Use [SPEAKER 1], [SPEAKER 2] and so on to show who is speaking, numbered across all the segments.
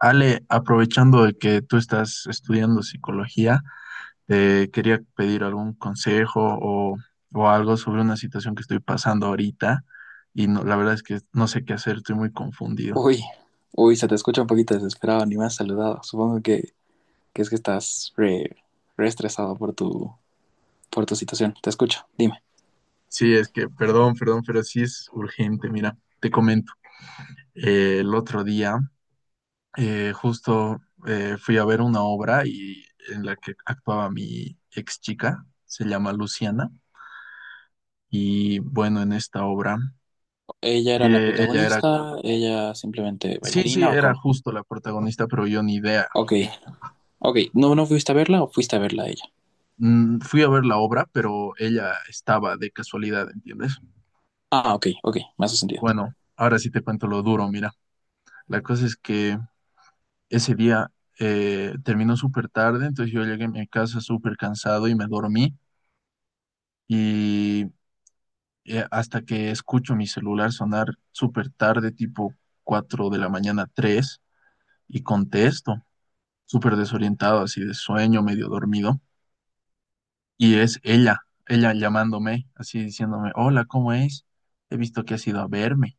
[SPEAKER 1] Ale, aprovechando de que tú estás estudiando psicología, te quería pedir algún consejo o algo sobre una situación que estoy pasando ahorita y no, la verdad es que no sé qué hacer, estoy muy confundido.
[SPEAKER 2] Uy, se te escucha un poquito desesperado, ni me has saludado. Supongo que es que estás re estresado por por tu situación. Te escucho, dime.
[SPEAKER 1] Sí, es que, perdón, pero sí es urgente. Mira, te comento. El otro día, justo, fui a ver una obra y en la que actuaba mi ex chica, se llama Luciana, y bueno, en esta obra,
[SPEAKER 2] ¿Ella era la
[SPEAKER 1] ella era
[SPEAKER 2] protagonista? ¿Ella simplemente
[SPEAKER 1] sí, sí,
[SPEAKER 2] bailarina o
[SPEAKER 1] era
[SPEAKER 2] cómo?
[SPEAKER 1] justo la protagonista, pero yo ni idea.
[SPEAKER 2] Ok, ok. ¿No, no fuiste a verla o fuiste a verla a ella?
[SPEAKER 1] Fui a ver la obra, pero ella estaba de casualidad, ¿entiendes?
[SPEAKER 2] Ah, ok, ok, me hace sentido.
[SPEAKER 1] Bueno, ahora sí te cuento lo duro, mira. La cosa es que ese día terminó súper tarde, entonces yo llegué a mi casa súper cansado y me dormí. Y hasta que escucho mi celular sonar súper tarde, tipo 4 de la mañana, tres, y contesto, súper desorientado, así de sueño, medio dormido. Y es ella, ella llamándome, así diciéndome, hola, ¿cómo es? He visto que has ido a verme,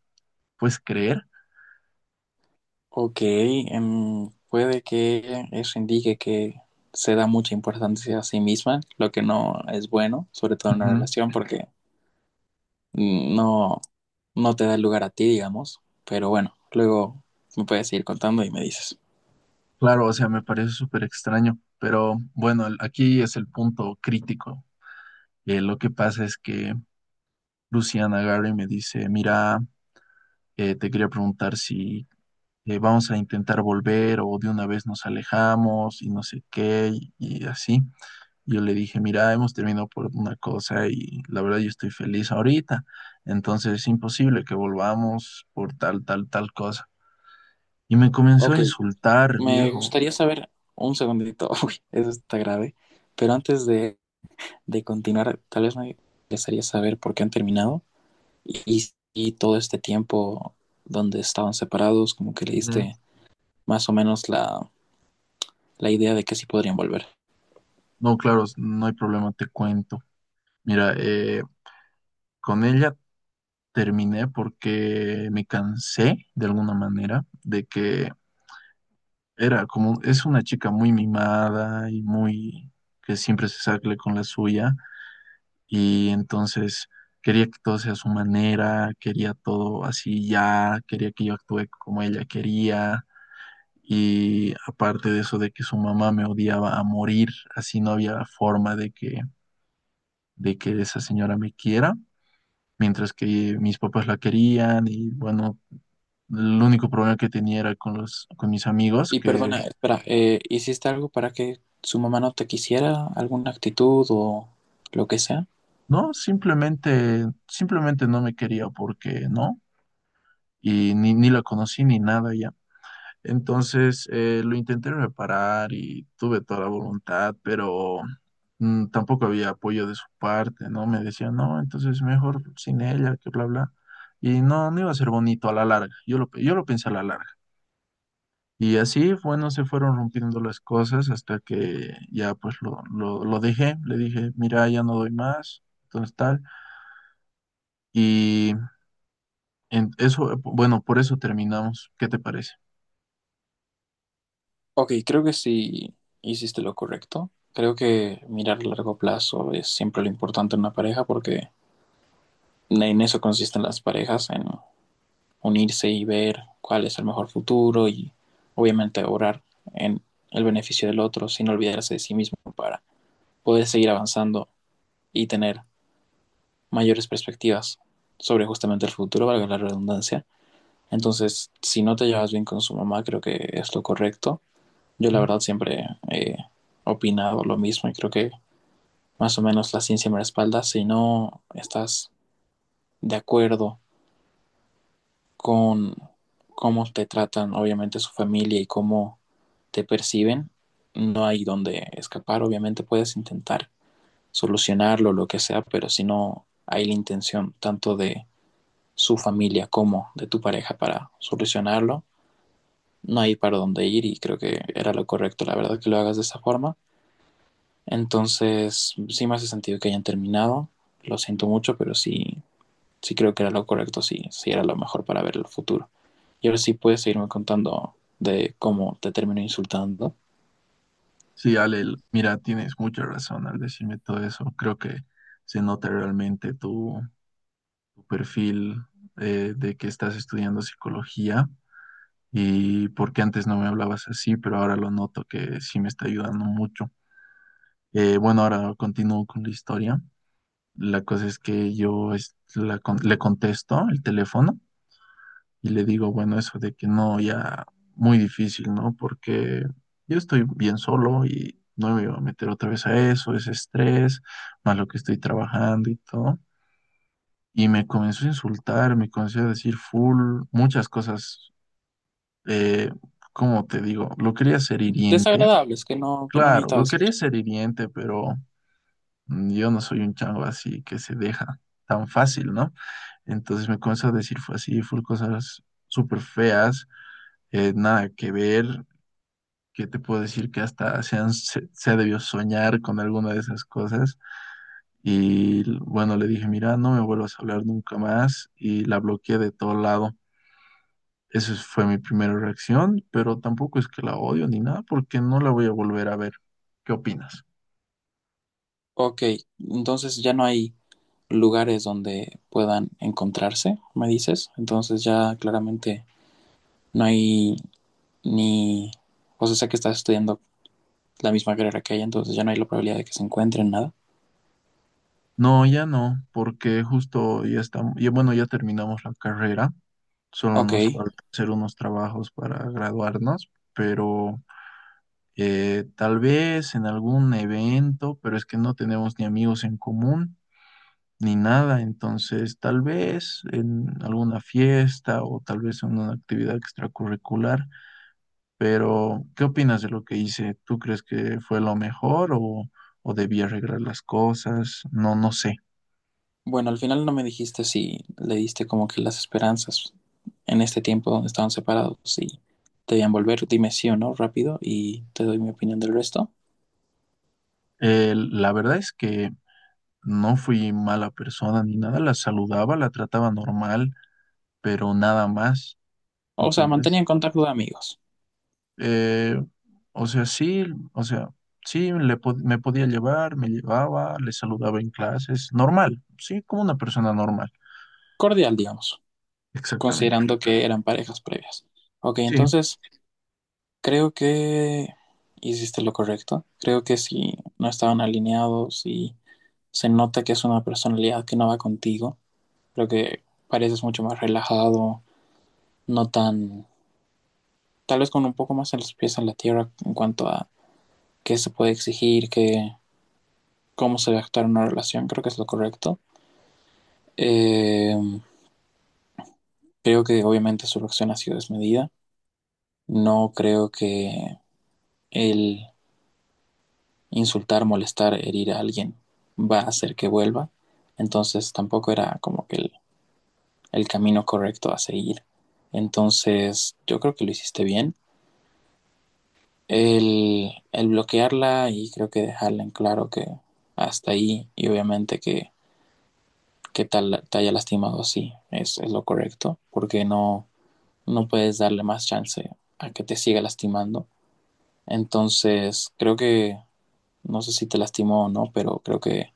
[SPEAKER 1] ¿puedes creer?
[SPEAKER 2] Ok, puede que eso indique que se da mucha importancia a sí misma, lo que no es bueno, sobre todo en una
[SPEAKER 1] Ujú.
[SPEAKER 2] relación, porque no, no te da el lugar a ti, digamos, pero bueno, luego me puedes ir contando y me dices.
[SPEAKER 1] Claro, o sea, me parece súper extraño, pero bueno, aquí es el punto crítico. Lo que pasa es que Luciana Gary me dice, mira, te quería preguntar si vamos a intentar volver o de una vez nos alejamos y no sé qué y así. Yo le dije, mira, hemos terminado por una cosa y la verdad yo estoy feliz ahorita, entonces es imposible que volvamos por tal, tal, tal cosa. Y me comenzó a
[SPEAKER 2] Ok,
[SPEAKER 1] insultar,
[SPEAKER 2] me
[SPEAKER 1] viejo.
[SPEAKER 2] gustaría saber, un segundito, uy, eso está grave, pero antes de continuar, tal vez me gustaría saber por qué han terminado y todo este tiempo donde estaban separados, como que le
[SPEAKER 1] Ujú.
[SPEAKER 2] diste más o menos la idea de que sí podrían volver.
[SPEAKER 1] No, claro, no hay problema, te cuento. Mira, con ella terminé porque me cansé de alguna manera de que era como, es una chica muy mimada y muy que siempre se sale con la suya. Y entonces quería que todo sea a su manera, quería todo así ya, quería que yo actúe como ella quería, y aparte de eso de que su mamá me odiaba a morir, así no había forma de que esa señora me quiera, mientras que mis papás la querían, y bueno, el único problema que tenía era con con mis amigos
[SPEAKER 2] Y
[SPEAKER 1] que
[SPEAKER 2] perdona, espera, ¿hiciste algo para que su mamá no te quisiera? ¿Alguna actitud o lo que sea?
[SPEAKER 1] no, simplemente no me quería porque no, y ni la conocí ni nada ya. Entonces lo intenté reparar y tuve toda la voluntad, pero tampoco había apoyo de su parte, ¿no? Me decían, no, entonces mejor sin ella, que bla, bla. Y no, no iba a ser bonito a la larga. Yo lo pensé a la larga. Y así, bueno, se fueron rompiendo las cosas hasta que ya pues lo dejé. Le dije, mira, ya no doy más, entonces tal. Y en eso, bueno, por eso terminamos. ¿Qué te parece?
[SPEAKER 2] Ok, creo que sí hiciste lo correcto. Creo que mirar a largo plazo es siempre lo importante en una pareja porque en eso consisten las parejas, en unirse y ver cuál es el mejor futuro y obviamente orar en el beneficio del otro sin olvidarse de sí mismo para poder seguir avanzando y tener mayores perspectivas sobre justamente el futuro, valga la redundancia. Entonces, si no te llevas bien con su mamá, creo que es lo correcto. Yo la verdad siempre he opinado lo mismo y creo que más o menos la ciencia me respalda. Si no estás de acuerdo con cómo te tratan, obviamente, su familia y cómo te perciben, no hay donde escapar. Obviamente puedes intentar solucionarlo, lo que sea, pero si no hay la intención tanto de su familia como de tu pareja para solucionarlo, no hay para dónde ir y creo que era lo correcto, la verdad, que lo hagas de esa forma. Entonces, sí me hace sentido que hayan terminado. Lo siento mucho, pero sí, sí creo que era lo correcto, sí, sí era lo mejor para ver el futuro. Y ahora sí puedes seguirme contando de cómo te terminó insultando.
[SPEAKER 1] Sí, Ale, mira, tienes mucha razón al decirme todo eso. Creo que se nota realmente tu perfil, de que estás estudiando psicología, y porque antes no me hablabas así, pero ahora lo noto que sí me está ayudando mucho. Bueno, ahora continúo con la historia. La cosa es que yo le contesto el teléfono y le digo, bueno, eso de que no, ya muy difícil, ¿no? Porque yo estoy bien solo y no me voy a meter otra vez a eso, ese estrés, más lo que estoy trabajando y todo. Y me comenzó a insultar, me comenzó a decir full, muchas cosas, eh, ¿cómo te digo? Lo quería ser hiriente,
[SPEAKER 2] Desagradables, que no
[SPEAKER 1] claro,
[SPEAKER 2] necesitaba
[SPEAKER 1] lo quería
[SPEAKER 2] escuchar.
[SPEAKER 1] ser hiriente, pero yo no soy un chango así que se deja tan fácil, ¿no? Entonces me comenzó a decir así full cosas súper feas, nada que ver, que te puedo decir que hasta se ha debido soñar con alguna de esas cosas. Y bueno, le dije, mira, no me vuelvas a hablar nunca más, y la bloqueé de todo lado. Esa fue mi primera reacción, pero tampoco es que la odio ni nada, porque no la voy a volver a ver. ¿Qué opinas?
[SPEAKER 2] Ok, entonces ya no hay lugares donde puedan encontrarse, me dices. Entonces ya claramente no hay ni... O sea, sé que estás estudiando la misma carrera que ella, entonces ya no hay la probabilidad de que se encuentren nada.
[SPEAKER 1] No, ya no, porque justo ya estamos, ya, bueno, ya terminamos la carrera, solo
[SPEAKER 2] Ok,
[SPEAKER 1] nos falta hacer unos trabajos para graduarnos, pero tal vez en algún evento, pero es que no tenemos ni amigos en común ni nada, entonces tal vez en alguna fiesta o tal vez en una actividad extracurricular, pero ¿qué opinas de lo que hice? ¿Tú crees que fue lo mejor, o debí arreglar las cosas? No, no sé.
[SPEAKER 2] bueno, al final no me dijiste si le diste como que las esperanzas en este tiempo donde estaban separados, si te debían volver, dime sí o no rápido y te doy mi opinión del resto.
[SPEAKER 1] La verdad es que no fui mala persona ni nada, la saludaba, la trataba normal, pero nada más,
[SPEAKER 2] O sea,
[SPEAKER 1] ¿entiendes?
[SPEAKER 2] mantenían contacto de amigos,
[SPEAKER 1] Eh, o sea, sí, o sea, sí, le po me podía llevar, me llevaba, le saludaba en clases, normal, sí, como una persona normal,
[SPEAKER 2] cordial, digamos,
[SPEAKER 1] exactamente.
[SPEAKER 2] considerando que eran parejas previas. Ok,
[SPEAKER 1] Sí,
[SPEAKER 2] entonces creo que hiciste lo correcto. Creo que si no estaban alineados y se nota que es una personalidad que no va contigo, creo que pareces mucho más relajado, no tan tal vez con un poco más en los pies en la tierra en cuanto a qué se puede exigir, qué, cómo se debe actuar en una relación, creo que es lo correcto. Eh, creo que obviamente su reacción ha sido desmedida. No creo que el insultar, molestar, herir a alguien va a hacer que vuelva. Entonces tampoco era como que el camino correcto a seguir. Entonces yo creo que lo hiciste bien. El bloquearla y creo que dejarla en claro que hasta ahí y obviamente que tal, te haya lastimado así, es lo correcto, porque no, no puedes darle más chance a que te siga lastimando. Entonces, creo que, no sé si te lastimó o no, pero creo que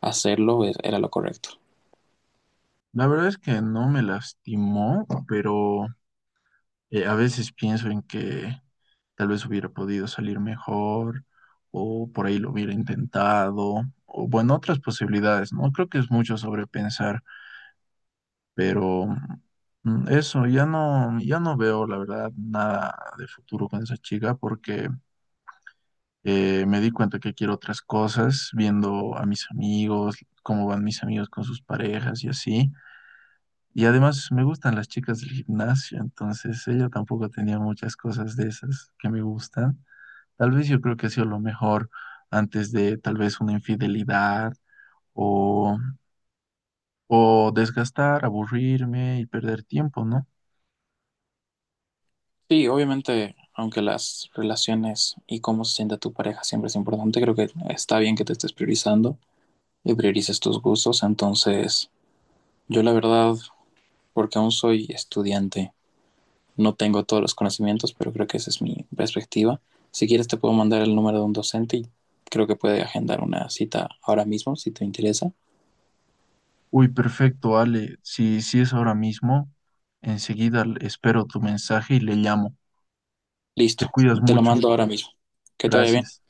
[SPEAKER 2] era lo correcto.
[SPEAKER 1] la verdad es que no me lastimó, pero a veces pienso en que tal vez hubiera podido salir mejor, o por ahí lo hubiera intentado, o bueno, otras posibilidades, ¿no? Creo que es mucho sobrepensar. Pero eso, ya no, ya no veo, la verdad, nada de futuro con esa chica porque me di cuenta que quiero otras cosas, viendo a mis amigos, cómo van mis amigos con sus parejas y así. Y además me gustan las chicas del gimnasio, entonces ella tampoco tenía muchas cosas de esas que me gustan. Tal vez yo creo que ha sido lo mejor antes de tal vez una infidelidad o, o desgastar, aburrirme y perder tiempo, ¿no?
[SPEAKER 2] Sí, obviamente, aunque las relaciones y cómo se siente tu pareja siempre es importante, creo que está bien que te estés priorizando y priorices tus gustos. Entonces, yo la verdad, porque aún soy estudiante no tengo todos los conocimientos, pero creo que esa es mi perspectiva. Si quieres te puedo mandar el número de un docente y creo que puede agendar una cita ahora mismo, si te interesa.
[SPEAKER 1] Uy, perfecto, Ale. Si es ahora mismo, enseguida espero tu mensaje y le llamo. Te
[SPEAKER 2] Listo,
[SPEAKER 1] cuidas
[SPEAKER 2] te lo
[SPEAKER 1] mucho.
[SPEAKER 2] mando ahora mismo. Que te vaya bien.
[SPEAKER 1] Gracias.